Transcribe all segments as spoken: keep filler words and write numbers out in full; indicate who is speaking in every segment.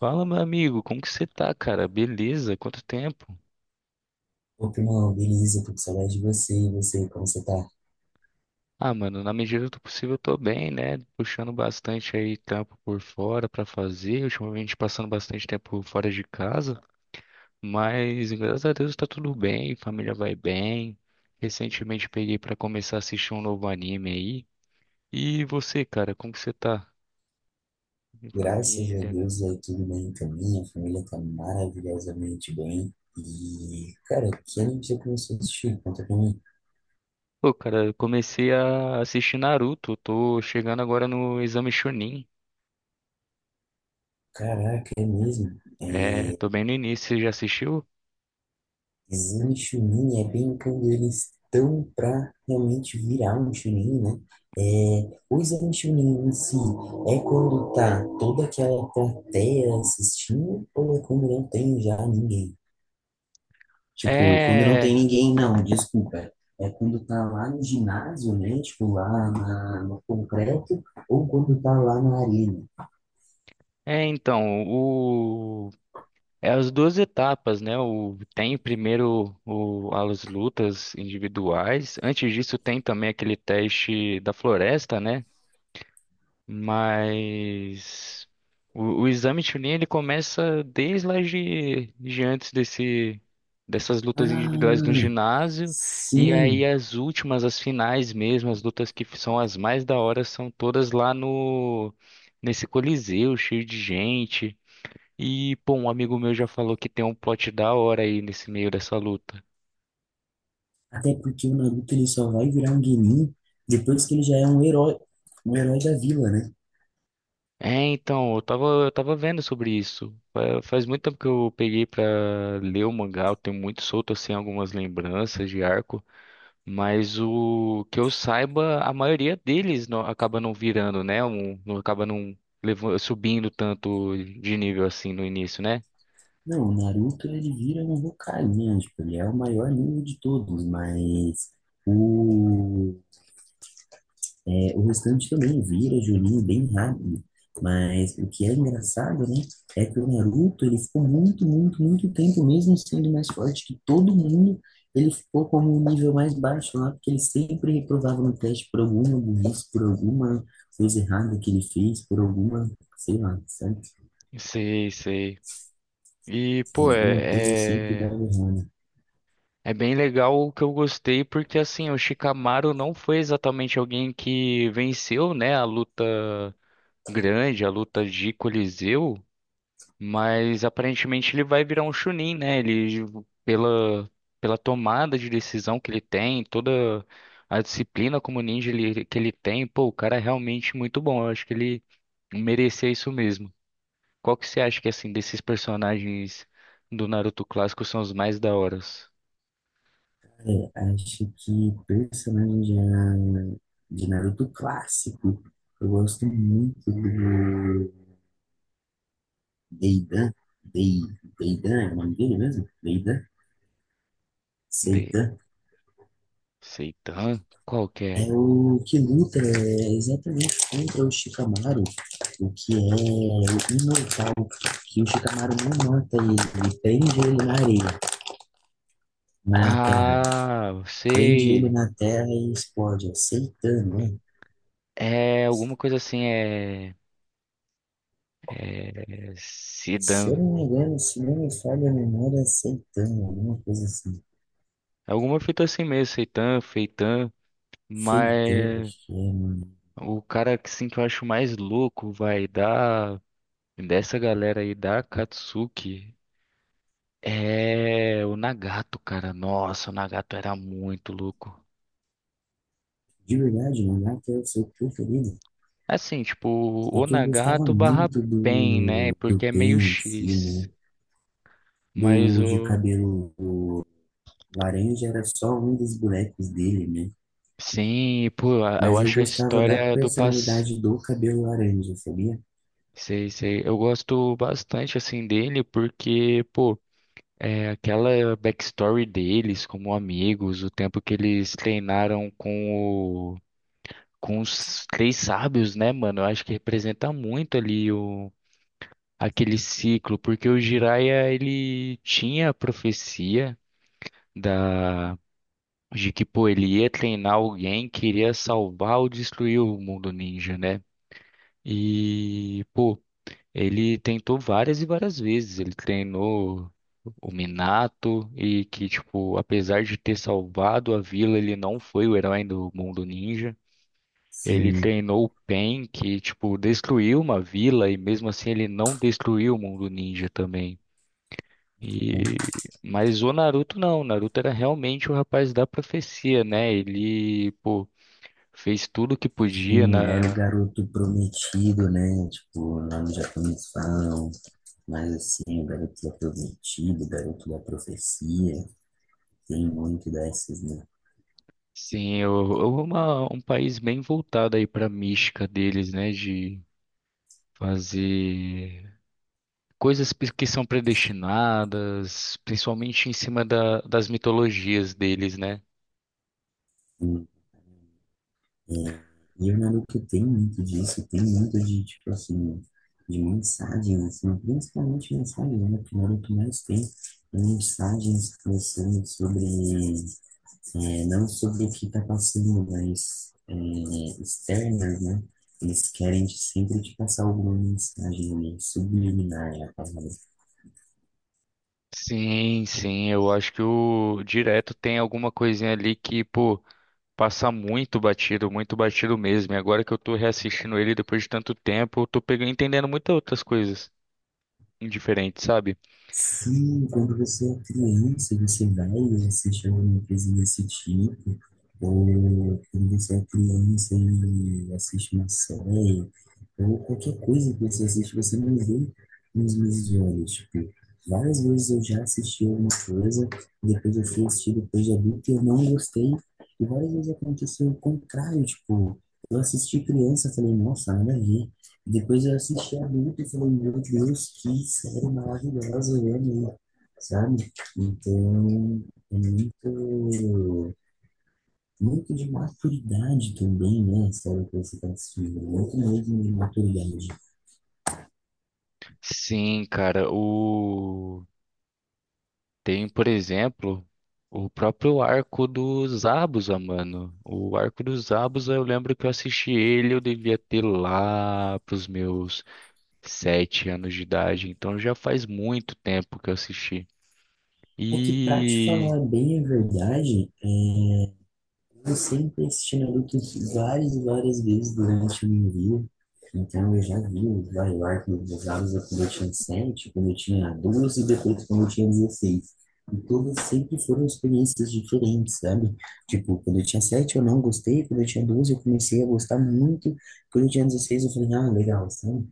Speaker 1: Fala, meu amigo, como que você tá, cara? Beleza? Quanto tempo?
Speaker 2: Ô, primão, beleza, tô com saudade de você. E você, como você tá?
Speaker 1: Ah, mano, na medida do possível eu tô bem, né? Puxando bastante aí trampo por fora pra fazer, ultimamente passando bastante tempo fora de casa, mas graças a Deus tá tudo bem, família vai bem. Recentemente peguei pra começar a assistir um novo anime aí. E você, cara, como que você tá? Em
Speaker 2: Graças a
Speaker 1: família.
Speaker 2: Deus, aí tudo bem também. A família tá maravilhosamente bem. E, cara, que anime você começou a assistir? Conta pra mim.
Speaker 1: Pô, cara, eu comecei a assistir Naruto, tô chegando agora no Exame Chunin.
Speaker 2: Caraca, é mesmo.
Speaker 1: É,
Speaker 2: É...
Speaker 1: tô bem no início, você já assistiu?
Speaker 2: Exame Chunin é bem quando eles estão pra realmente virar um Chunin, né? É... O Exame Chunin em si é quando tá toda aquela plateia assistindo ou é quando não tem já ninguém? Tipo, quando não tem
Speaker 1: É,
Speaker 2: ninguém, não, desculpa. É quando tá lá no ginásio, né? Tipo, lá na, no concreto, ou quando tá lá na arena.
Speaker 1: é então, o, é as duas etapas, né? O, tem primeiro o, as lutas individuais. Antes disso, tem também aquele teste da floresta, né? Mas o, o exame Chunin ele começa desde lá de, de antes desse, dessas lutas individuais no
Speaker 2: Ah,
Speaker 1: ginásio, e aí
Speaker 2: sim.
Speaker 1: as últimas, as finais mesmo, as lutas que são as mais da hora, são todas lá no nesse Coliseu, cheio de gente. E, pô, um amigo meu já falou que tem um plot da hora aí nesse meio dessa luta.
Speaker 2: Até porque o Naruto ele só vai virar um Genin depois que ele já é um herói, um herói da vila, né?
Speaker 1: É, então, eu tava, eu tava vendo sobre isso. Fa- Faz muito tempo que eu peguei pra ler o mangá, eu tenho muito solto assim algumas lembranças de arco, mas o que eu saiba, a maioria deles não, acaba não virando, né? Um, não acaba não levan- subindo tanto de nível assim no início, né?
Speaker 2: Não, o Naruto ele vira um Hokage, né? Tipo, ele é o maior ninja de todos, mas o... É, o restante também vira Juninho bem rápido. Mas o que é engraçado, né, é que o Naruto, ele ficou muito, muito, muito tempo, mesmo sendo mais forte que todo mundo, ele ficou como um nível mais baixo lá, porque ele sempre reprovava no teste por alguma burrice, por alguma coisa errada que ele fez, por alguma, sei lá, sabe?
Speaker 1: Sei, sei. E, pô,
Speaker 2: Alguma coisa sempre
Speaker 1: é, é,
Speaker 2: dava errado.
Speaker 1: é bem legal o que eu gostei, porque assim, o Shikamaru não foi exatamente alguém que venceu, né, a luta grande, a luta de Coliseu, mas aparentemente ele vai virar um Chunin, né? Ele, pela, pela tomada de decisão que ele tem, toda a disciplina como ninja ele- que ele tem, pô, o cara é realmente muito bom. Eu acho que ele merecia isso mesmo. Qual que você acha que, assim, desses personagens do Naruto clássico são os mais da horas?
Speaker 2: É, acho que personagem de, de Naruto clássico, eu gosto muito do Deida, Dei, Deida é o nome dele mesmo? Deida,
Speaker 1: De
Speaker 2: Seita.
Speaker 1: Seitan? Qual que
Speaker 2: É
Speaker 1: é?
Speaker 2: o que luta é, exatamente contra o Shikamaru, o que é o imortal, que o Shikamaru não mata ele, ele prende ele na areia, na terra,
Speaker 1: Ah,
Speaker 2: prende ele
Speaker 1: sei.
Speaker 2: na terra e explode, é Seitan, né?
Speaker 1: É alguma coisa assim, é. É,
Speaker 2: Se eu
Speaker 1: Sidan.
Speaker 2: não me engano, se não me falha a memória, é Seitan, alguma coisa assim.
Speaker 1: Alguma fita assim mesmo, Seitan, Feitan,
Speaker 2: Seitan,
Speaker 1: mas
Speaker 2: acho que é, mano.
Speaker 1: o cara que sim que eu acho mais louco vai dar dessa galera aí da Katsuki é o Nagato, cara. Nossa, o Nagato era muito louco.
Speaker 2: De verdade, mangá que é o seu preferido.
Speaker 1: Assim, tipo,
Speaker 2: É
Speaker 1: o
Speaker 2: que eu gostava
Speaker 1: Nagato barra
Speaker 2: muito
Speaker 1: Pen, né?
Speaker 2: do,
Speaker 1: Porque
Speaker 2: do
Speaker 1: é meio
Speaker 2: Ben em si,
Speaker 1: X.
Speaker 2: né?
Speaker 1: Mas
Speaker 2: Do de
Speaker 1: o.
Speaker 2: cabelo laranja era só um dos bonecos dele, né?
Speaker 1: Sim, pô, a- eu
Speaker 2: Mas eu
Speaker 1: acho a
Speaker 2: gostava da
Speaker 1: história do passado.
Speaker 2: personalidade do cabelo laranja, sabia?
Speaker 1: Sei, sei. Eu gosto bastante, assim, dele porque, pô, é aquela backstory deles como amigos, o tempo que eles treinaram com o, com os três sábios, né, mano? Eu acho que representa muito ali o, aquele ciclo, porque o Jiraiya, ele tinha a profecia da, de que, pô, ele ia treinar alguém que iria salvar ou destruir o mundo ninja, né? E, pô, ele tentou várias e várias vezes. Ele treinou o Minato e que, tipo, apesar de ter salvado a vila, ele não foi o herói do mundo ninja. Ele
Speaker 2: Sim,
Speaker 1: treinou o Pain, que, tipo, destruiu uma vila e mesmo assim ele não destruiu o mundo ninja também.
Speaker 2: né?
Speaker 1: E... Mas o Naruto não. O Naruto era realmente o rapaz da profecia, né? Ele, pô, fez tudo que podia
Speaker 2: Sim, era o
Speaker 1: na
Speaker 2: garoto prometido, né? Tipo, lá no Japão eles falam. Mas assim, o garoto é prometido, o garoto da profecia, tem muito dessas, né?
Speaker 1: Sim, o- o- uma, um país bem voltado aí para a mística deles, né? De fazer coisas pe- que são predestinadas, principalmente em cima da- das mitologias deles, né?
Speaker 2: É, e o Naruto tem muito disso, tem muito de, tipo assim, de mensagem, assim, principalmente mensagem, né? Que o Naruto mais tem é mensagens pensando sobre, é, não sobre o que tá passando, mas é, externas, né? Eles querem sempre te passar alguma mensagem ali, subliminar é a palavra.
Speaker 1: Sim, sim, eu acho que o direto tem alguma coisinha ali que, pô, passa muito batido, muito batido mesmo. E agora que eu tô reassistindo ele depois de tanto tempo, eu tô pegando, entendendo muitas outras coisas diferentes, sabe?
Speaker 2: Sim, quando você é criança, você vai e assiste alguma coisa desse tipo, ou quando você é criança e assiste uma série, ou qualquer coisa que você assiste, você não vê nos meus olhos. Tipo, várias vezes eu já assisti alguma coisa, depois eu fui assistir depois de adulto e eu não gostei, e várias vezes aconteceu o contrário, tipo, eu assisti criança, falei, nossa, nada a ver. Depois eu assisti adulto e falei, meu Deus, que série maravilhosa, eu amei, sabe? Então, é muito, muito de maturidade também, né? A série que você está assistindo, muito mesmo de maturidade.
Speaker 1: Sim, cara, o. Tem, por exemplo, o próprio arco do Zabuza, mano. O arco do Zabuza, eu lembro que eu assisti ele, eu devia ter lá pros meus sete anos de idade. Então já faz muito tempo que eu assisti.
Speaker 2: É que, pra te
Speaker 1: E
Speaker 2: falar bem a verdade, eu sempre assisti Naruto várias e várias vezes durante o meu envio. Então eu já vi os Bioarcos usados quando eu tinha sete, quando eu tinha doze e depois quando eu tinha dezesseis. E todas sempre foram experiências diferentes, sabe? Tipo, quando eu tinha sete eu não gostei, quando eu tinha doze eu comecei a gostar muito, quando eu tinha dezesseis eu falei, ah, legal, sabe?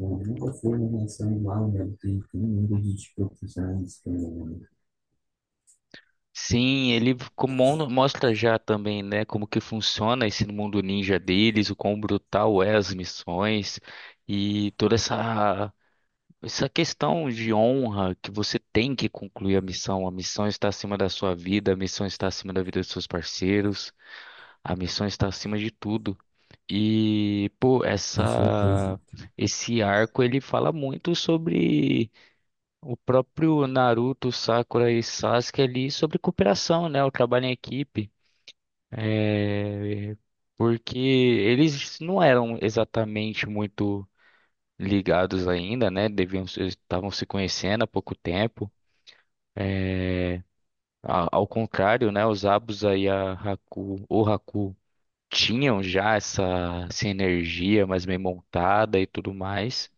Speaker 2: Eu nunca fui uma relação igual, né? Tem tem um mundo de tipo, profissionais também, né?
Speaker 1: sim, ele como- mostra já também, né, como que funciona esse mundo ninja deles, o quão brutal é as missões e toda essa Essa questão de honra que você tem que concluir a missão, a missão está acima da sua vida, a missão está acima da vida dos seus parceiros, a missão está acima de tudo. E, pô,
Speaker 2: Com certeza. O
Speaker 1: essa esse arco ele fala muito sobre o próprio Naruto, Sakura e Sasuke ali sobre cooperação, né? O trabalho em equipe. É, porque eles não eram exatamente muito ligados ainda, né? Deviam, se- estavam se conhecendo há pouco tempo. É, a- ao contrário, né? Os Abusa e a Haku, o Haku tinham já essa, essa energia mais bem montada e tudo mais.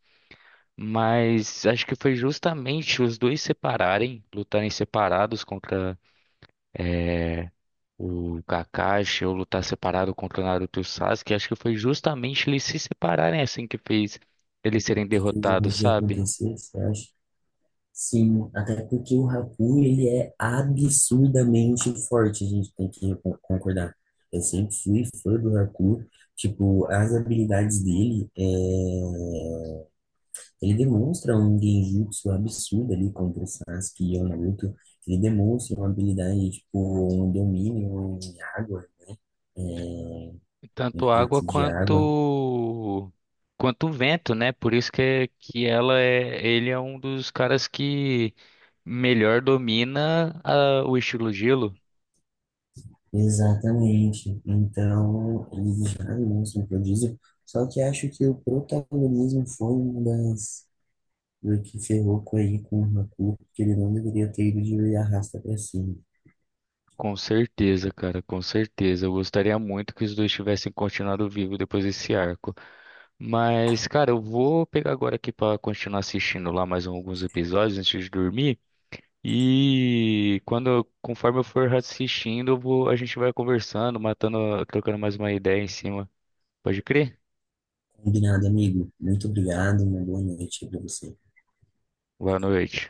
Speaker 1: Mas acho que foi justamente os dois separarem, lutarem separados contra é, o Kakashi ou lutar separado contra o Naruto e o Sasuke. Acho que foi justamente eles se separarem assim que fez eles serem
Speaker 2: que fez a
Speaker 1: derrotados,
Speaker 2: magia
Speaker 1: sabe?
Speaker 2: acontecer, você acha? Sim, até porque o Haku, ele é absurdamente forte, a gente tem que con- concordar. Eu sempre fui fã do Haku, tipo, as habilidades dele, é... ele demonstra um genjutsu absurdo ali contra o Sasuke e o Naruto, ele demonstra uma habilidade, tipo, um domínio em água, é...
Speaker 1: Tanto
Speaker 2: um
Speaker 1: água
Speaker 2: jutsu de água.
Speaker 1: quanto quanto vento, né? Por isso que, é- que ela é, ele é um dos caras que melhor domina a- o estilo gelo.
Speaker 2: Exatamente. Então, eles jogam no prodígio. Só que acho que o protagonismo foi uma das do que ferrou com aí com o Haku, porque ele não deveria ter ido de arrasta pra cima.
Speaker 1: Com certeza, cara, com certeza. Eu gostaria muito que os dois tivessem continuado vivo depois desse arco. Mas, cara, eu vou pegar agora aqui pra continuar assistindo lá mais alguns episódios antes de dormir. E quando, eu- conforme eu for assistindo, eu vou- a gente vai conversando, matando, trocando mais uma ideia em cima. Pode crer?
Speaker 2: Combinado, amigo. Muito obrigado, uma boa noite pra você.
Speaker 1: Boa noite.